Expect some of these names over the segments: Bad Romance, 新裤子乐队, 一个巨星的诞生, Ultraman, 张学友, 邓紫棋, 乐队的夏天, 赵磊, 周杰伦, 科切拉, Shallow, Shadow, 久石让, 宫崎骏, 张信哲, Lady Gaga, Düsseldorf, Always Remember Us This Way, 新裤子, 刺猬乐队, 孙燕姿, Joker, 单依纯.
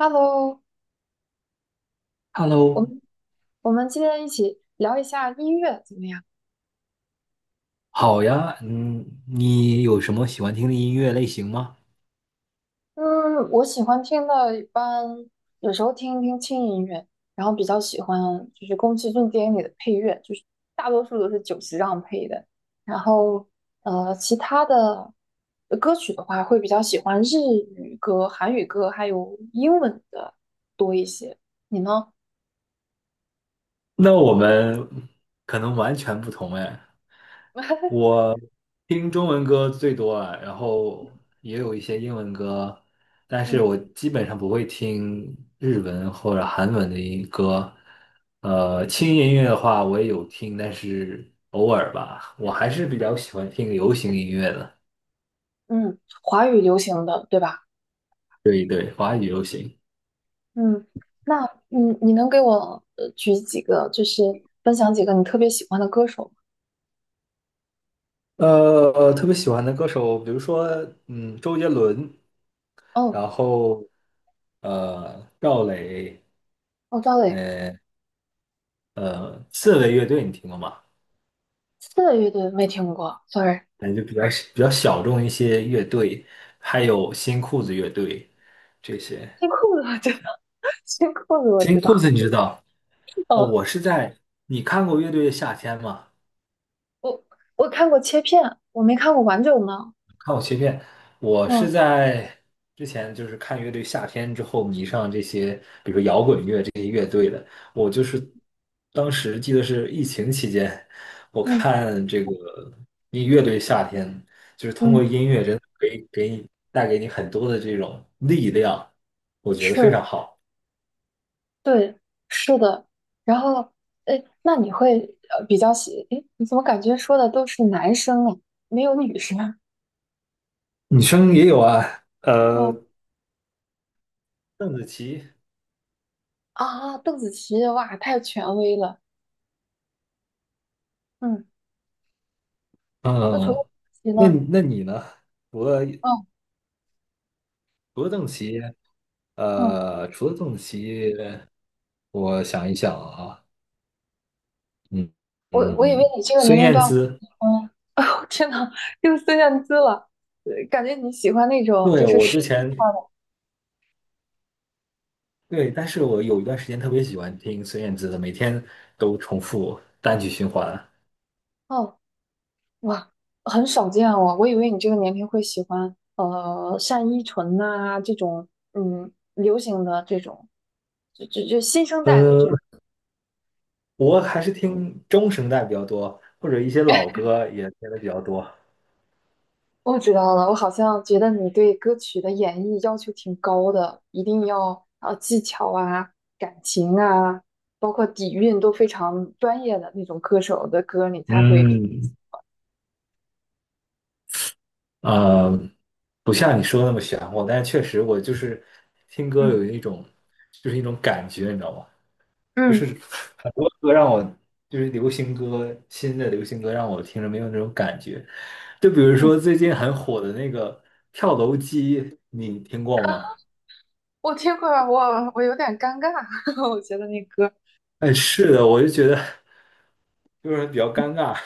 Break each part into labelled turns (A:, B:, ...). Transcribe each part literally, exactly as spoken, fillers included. A: Hello，我
B: Hello。
A: 们我们今天一起聊一下音乐怎么样？
B: 好呀，嗯，你有什么喜欢听的音乐类型吗？
A: 嗯，我喜欢听的，一般有时候听一听轻音乐，然后比较喜欢就是宫崎骏电影里的配乐，就是大多数都是久石让配的。然后呃，其他的呃歌曲的话，会比较喜欢日语歌、韩语歌，还有英文的多一些。你呢？
B: 那我们可能完全不同哎。我听中文歌最多啊，然后也有一些英文歌，但
A: 嗯，
B: 是我基本上不会听日文或者韩文的音歌。呃，轻音乐的话我也有听，但是偶尔吧。我还是比较喜欢听流行音乐的。
A: 嗯，华语流行的，对吧？
B: 对对，华语流行。
A: 嗯，那嗯，你能给我呃举几个，就是分享几个你特别喜欢的歌手吗？
B: 呃，特别喜欢的歌手，比如说，嗯，周杰伦，
A: 哦，
B: 然后呃，赵磊，
A: 哦，赵磊，
B: 呃呃，刺猬乐队你听过吗？
A: 刺个乐队没听过，sorry。
B: 感觉比较比较小众一些乐队，还有新裤子乐队这些。
A: 新裤子我知道，新裤子我
B: 新
A: 知
B: 裤
A: 道。
B: 子你知道？哦，
A: 哦，
B: 我是在，你看过《乐队的夏天》吗？
A: 我我看过切片，我没看过完整的。
B: 看我切片，我是
A: 嗯
B: 在之前就是看乐队夏天之后迷上这些，比如说摇滚乐这些乐队的。我就是当时记得是疫情期间，我
A: 嗯
B: 看这个音乐队夏天，就是通过
A: 嗯，
B: 音乐真的可以给你带给你很多的这种力量，我觉得非
A: 是，
B: 常好。
A: 对，是的。然后，哎，那你会呃比较喜？哎，你怎么感觉说的都是男生啊，没有女生啊？
B: 女生也有啊，呃，
A: 哦
B: 邓紫棋。
A: 啊，邓紫棋，哇，太权威了。嗯。那除了
B: 嗯，
A: 骑
B: 那
A: 呢？
B: 那你呢？除了
A: 嗯
B: 除了邓紫棋。
A: 嗯，
B: 呃，除了邓棋，我想一想啊。嗯
A: 我我以为
B: 嗯，
A: 你这个年
B: 孙
A: 龄
B: 燕
A: 段会
B: 姿。
A: 喜欢，天呐，又孙燕姿了，呃感觉你喜欢那种就
B: 对，
A: 是
B: 我
A: 实
B: 之
A: 力派
B: 前
A: 的。
B: 对，但是我有一段时间特别喜欢听孙燕姿的，每天都重复单曲循环。
A: 哦，哇，很少见哦，我以为你这个年龄会喜欢呃单依纯呐、这种嗯流行的这种，就就就新生代的
B: 呃，
A: 这种。
B: 我还是听中声带比较多，或者一些老歌也听的比较多。
A: 我知道了，我好像觉得你对歌曲的演绎要求挺高的，一定要呃技巧啊、感情啊，包括底蕴都非常专业的那种歌手的歌，你才会比
B: 嗯，呃，不像你说的那么玄乎，但是确实我就是听歌
A: 嗯
B: 有一种，就是一种感觉，你知道吗？就是
A: 嗯
B: 很多歌让我，就是流行歌，新的流行歌让我听着没有那种感觉。就比如
A: 嗯，
B: 说最近很火的那个跳楼机，你听过吗？
A: 我听过，我我有点尴尬，我觉得那歌，
B: 哎，是的，我就觉得。就是比较尴尬，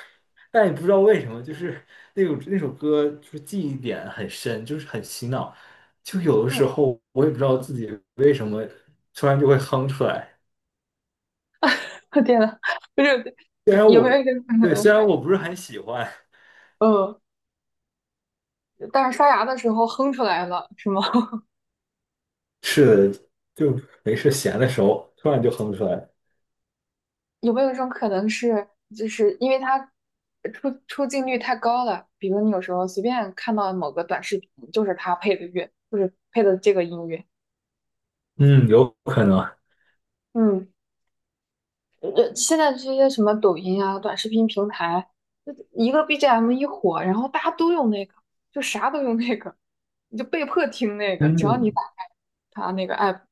B: 但也不知道为什么，就是那种那首歌就是记忆点很深，就是很洗脑，就有的
A: 嗯，
B: 时候我也不知道自己为什么突然就会哼出来。
A: 我天呐，不是
B: 虽然
A: 有没
B: 我
A: 有一个，
B: 对，虽 然我不是很喜欢。
A: 嗯，但是刷牙的时候哼出来了，是吗？
B: 是的，就没事闲的时候突然就哼出来。
A: 有没有一种可能是，就是因为它出出镜率太高了，比如你有时候随便看到某个短视频，就是它配的乐，就是配的这个音乐。
B: 嗯，有可能。
A: 嗯，呃，现在这些什么抖音啊、短视频平台，就一个 B G M 一火，然后大家都用那个，就啥都用那个，你就被迫听那个，只要你
B: 嗯，
A: 打开它那个 app。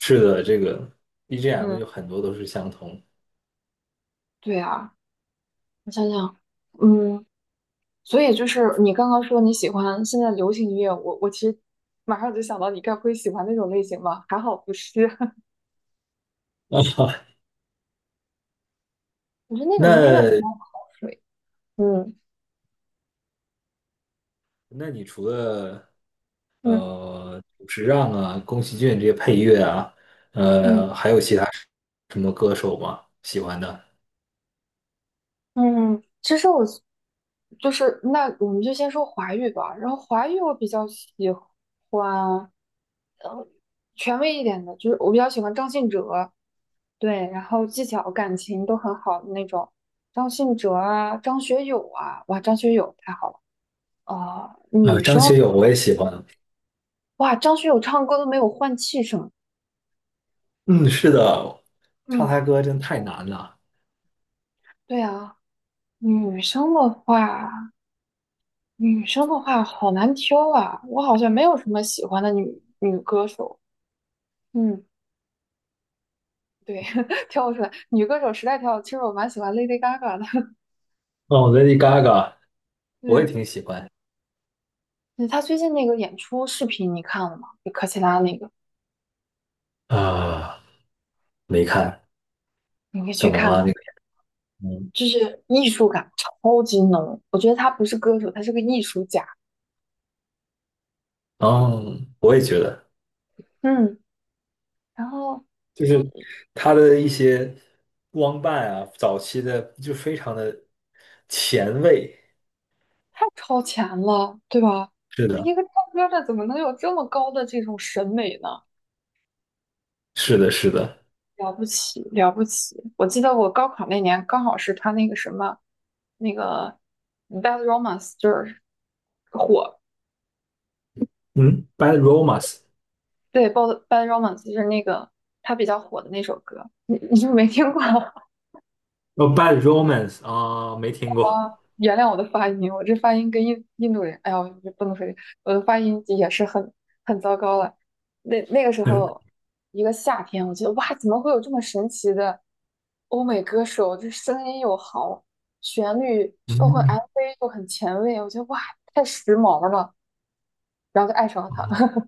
B: 是的，这个 B G M
A: 嗯，
B: 有很多都是相同。
A: 对啊，我想想，嗯。所以就是你刚刚说你喜欢现在流行音乐，我我其实马上就想到你该不会喜欢那种类型吧？还好不是，我觉得那种音乐比
B: 那
A: 较好睡。嗯
B: 那你除了
A: 嗯
B: 呃，久石让啊、宫崎骏这些配乐啊，
A: 嗯
B: 呃，还有其他什么歌手吗？喜欢的？
A: 嗯，其实我就是那我们就先说华语吧，然后华语我比较喜欢，呃，权威一点的，就是我比较喜欢张信哲，对，然后技巧感情都很好的那种，张信哲啊，张学友啊，哇，张学友太好了。啊、
B: 呃，
A: 女
B: 张
A: 生
B: 学友我也喜欢。
A: 哇，张学友唱歌都没有换气声。
B: 嗯，是的，唱
A: 嗯，
B: 他歌真太难了。
A: 对啊，女生的话，女生的话好难挑啊。我好像没有什么喜欢的女女歌手。嗯，对，挑不出来。女歌手实在挑不出来，其实我蛮喜欢 Lady Gaga 的。
B: 哦，Lady Gaga 我也
A: 对，
B: 挺喜欢。
A: 嗯她最近那个演出视频你看了吗？就科切拉那个，
B: 啊，没看。
A: 你可以去
B: 怎么
A: 看
B: 了？
A: 看，
B: 那个嗯，
A: 就是艺术感超级浓。我觉得她不是歌手，她是个艺术家。
B: 哦，我也觉得，
A: 嗯，然后
B: 就是他的一些光伴啊，早期的就非常的前卫。
A: 太超前了，对吧？
B: 是的，
A: 一个唱歌的怎么能有这么高的这种审美呢？
B: 是的，是的。
A: 了不起，了不起！我记得我高考那年，刚好是他那个什么，那个嗯 Bad Romance 就是火，
B: 嗯，Bad Romance。
A: 对，Bad Bad Romance 就是那个他比较火的那首歌，你你是不是没听过？
B: 哦 b a d Romance 啊，没听过。
A: 原谅我的发音，我这发音跟印印度人，哎呀，我这不能说这我的发音也是很很糟糕了。那那个时
B: 嗯，
A: 候，一个夏天，我觉得哇，怎么会有这么神奇的欧美歌手？这声音又好，旋律包括 M V 又很前卫，我觉得哇，太时髦了，然后就爱上了他。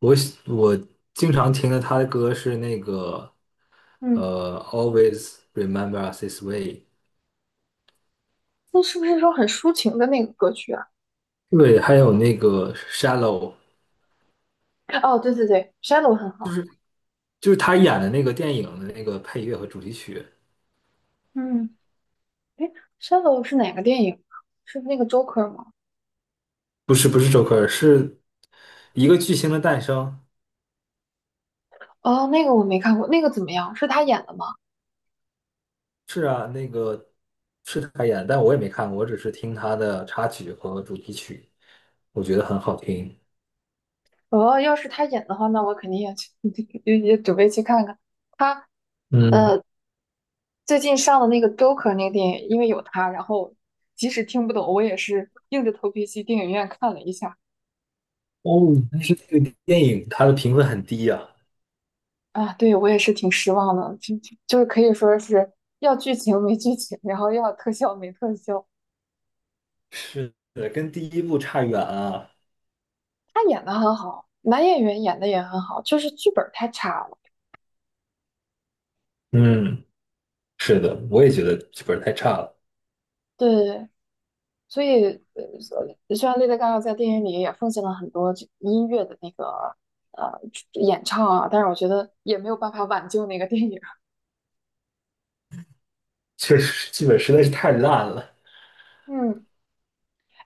B: 我喜我经常听的他的歌是那个
A: 嗯，
B: 呃，Always Remember Us This Way。
A: 那是不是说很抒情的那个歌曲啊？
B: 对，还有那个 Shallow。
A: 哦，对对对，《Shadow》很好。
B: 就是他演的那个电影的那个配乐和主题曲。
A: 嗯，哎 Shadow》是哪个电影啊？是那个 Joker 吗？
B: 不是不是 Joker，是一个巨星的诞生。
A: 哦，那个我没看过，那个怎么样？是他演的吗？
B: 是啊，那个是他演，但我也没看过，我只是听他的插曲和主题曲，我觉得很好听。
A: 哦，要是他演的话，那我肯定也去，也也准备去看看。他
B: 嗯。
A: 呃，最近上的那个《Joker》那个电影，因为有他，然后即使听不懂，我也是硬着头皮去电影院看了一下。
B: 哦，但是那个电影它的评分很低呀。
A: 啊，对，我也是挺失望的，就就就是可以说是要剧情没剧情，然后要特效没特效。
B: 是的，跟第一部差远了。
A: 他演的很好，男演员演的也很好，就是剧本太差了。
B: 嗯，是的，我也觉得剧本太差了。
A: 对，所以，呃，虽然 Lady Gaga 在电影里也奉献了很多这音乐的那个呃演唱啊，但是我觉得也没有办法挽救那个电影。
B: 确实剧本实在是太烂了。
A: 嗯，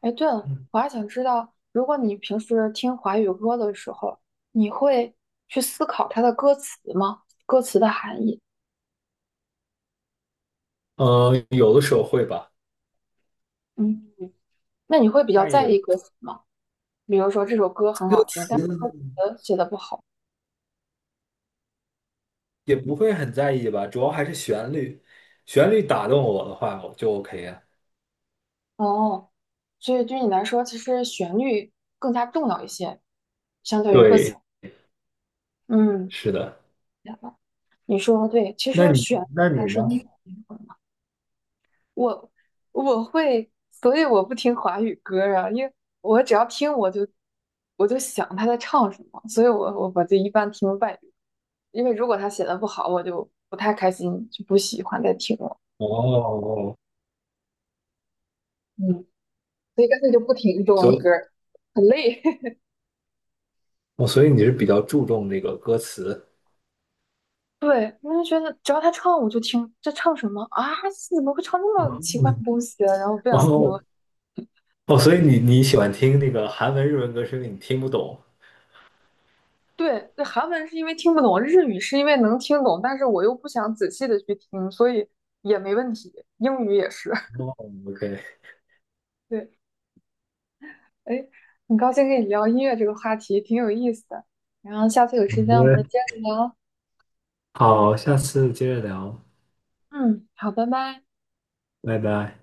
A: 哎，对了，我还想知道，如果你平时听华语歌的时候，你会去思考它的歌词吗？歌词的含义？
B: 嗯，呃有的时候会吧。
A: 嗯，那你会比较
B: 但
A: 在
B: 也
A: 意歌词吗？比如说这首歌很好听，但是歌词写的不好。
B: 也不会很在意吧，主要还是旋律，旋律打动我的话，我就 OK 啊。
A: 哦，所以对你来说，其实旋律更加重要一些，相对于歌词。
B: 对，
A: 嗯，
B: 是的。
A: 明白你说的对，其
B: 那
A: 实
B: 你
A: 旋律
B: 那你
A: 还
B: 呢？
A: 是音乐的灵魂嘛。我我会，所以我不听华语歌啊，因为我只要听我就我就想他在唱什么，所以我我我就一般听外语，因为如果他写的不好，我就不太开心，就不喜欢再听了。
B: 哦，
A: 嗯，所以干脆就不听中
B: 所
A: 文歌
B: 以
A: 儿很累。
B: 哦，所以你是比较注重那个歌词。
A: 对，我就觉得只要他唱我就听，这唱什么啊？怎么会唱这么奇怪的
B: 嗯，
A: 东西啊然后不
B: 哦
A: 想听了。
B: 哦，所以你你喜欢听那个韩文、日文歌是因为你听不懂。
A: 对，对，韩文是因为听不懂，日语是因为能听懂，但是我又不想仔细的去听，所以也没问题。英语也是，
B: 哦，OK。
A: 对，哎，很高兴跟你聊音乐这个话题，挺有意思的。然后下次有时间我们接
B: 好，
A: 着聊。
B: 好，下次接着聊，
A: 嗯，好，拜拜。
B: 拜拜。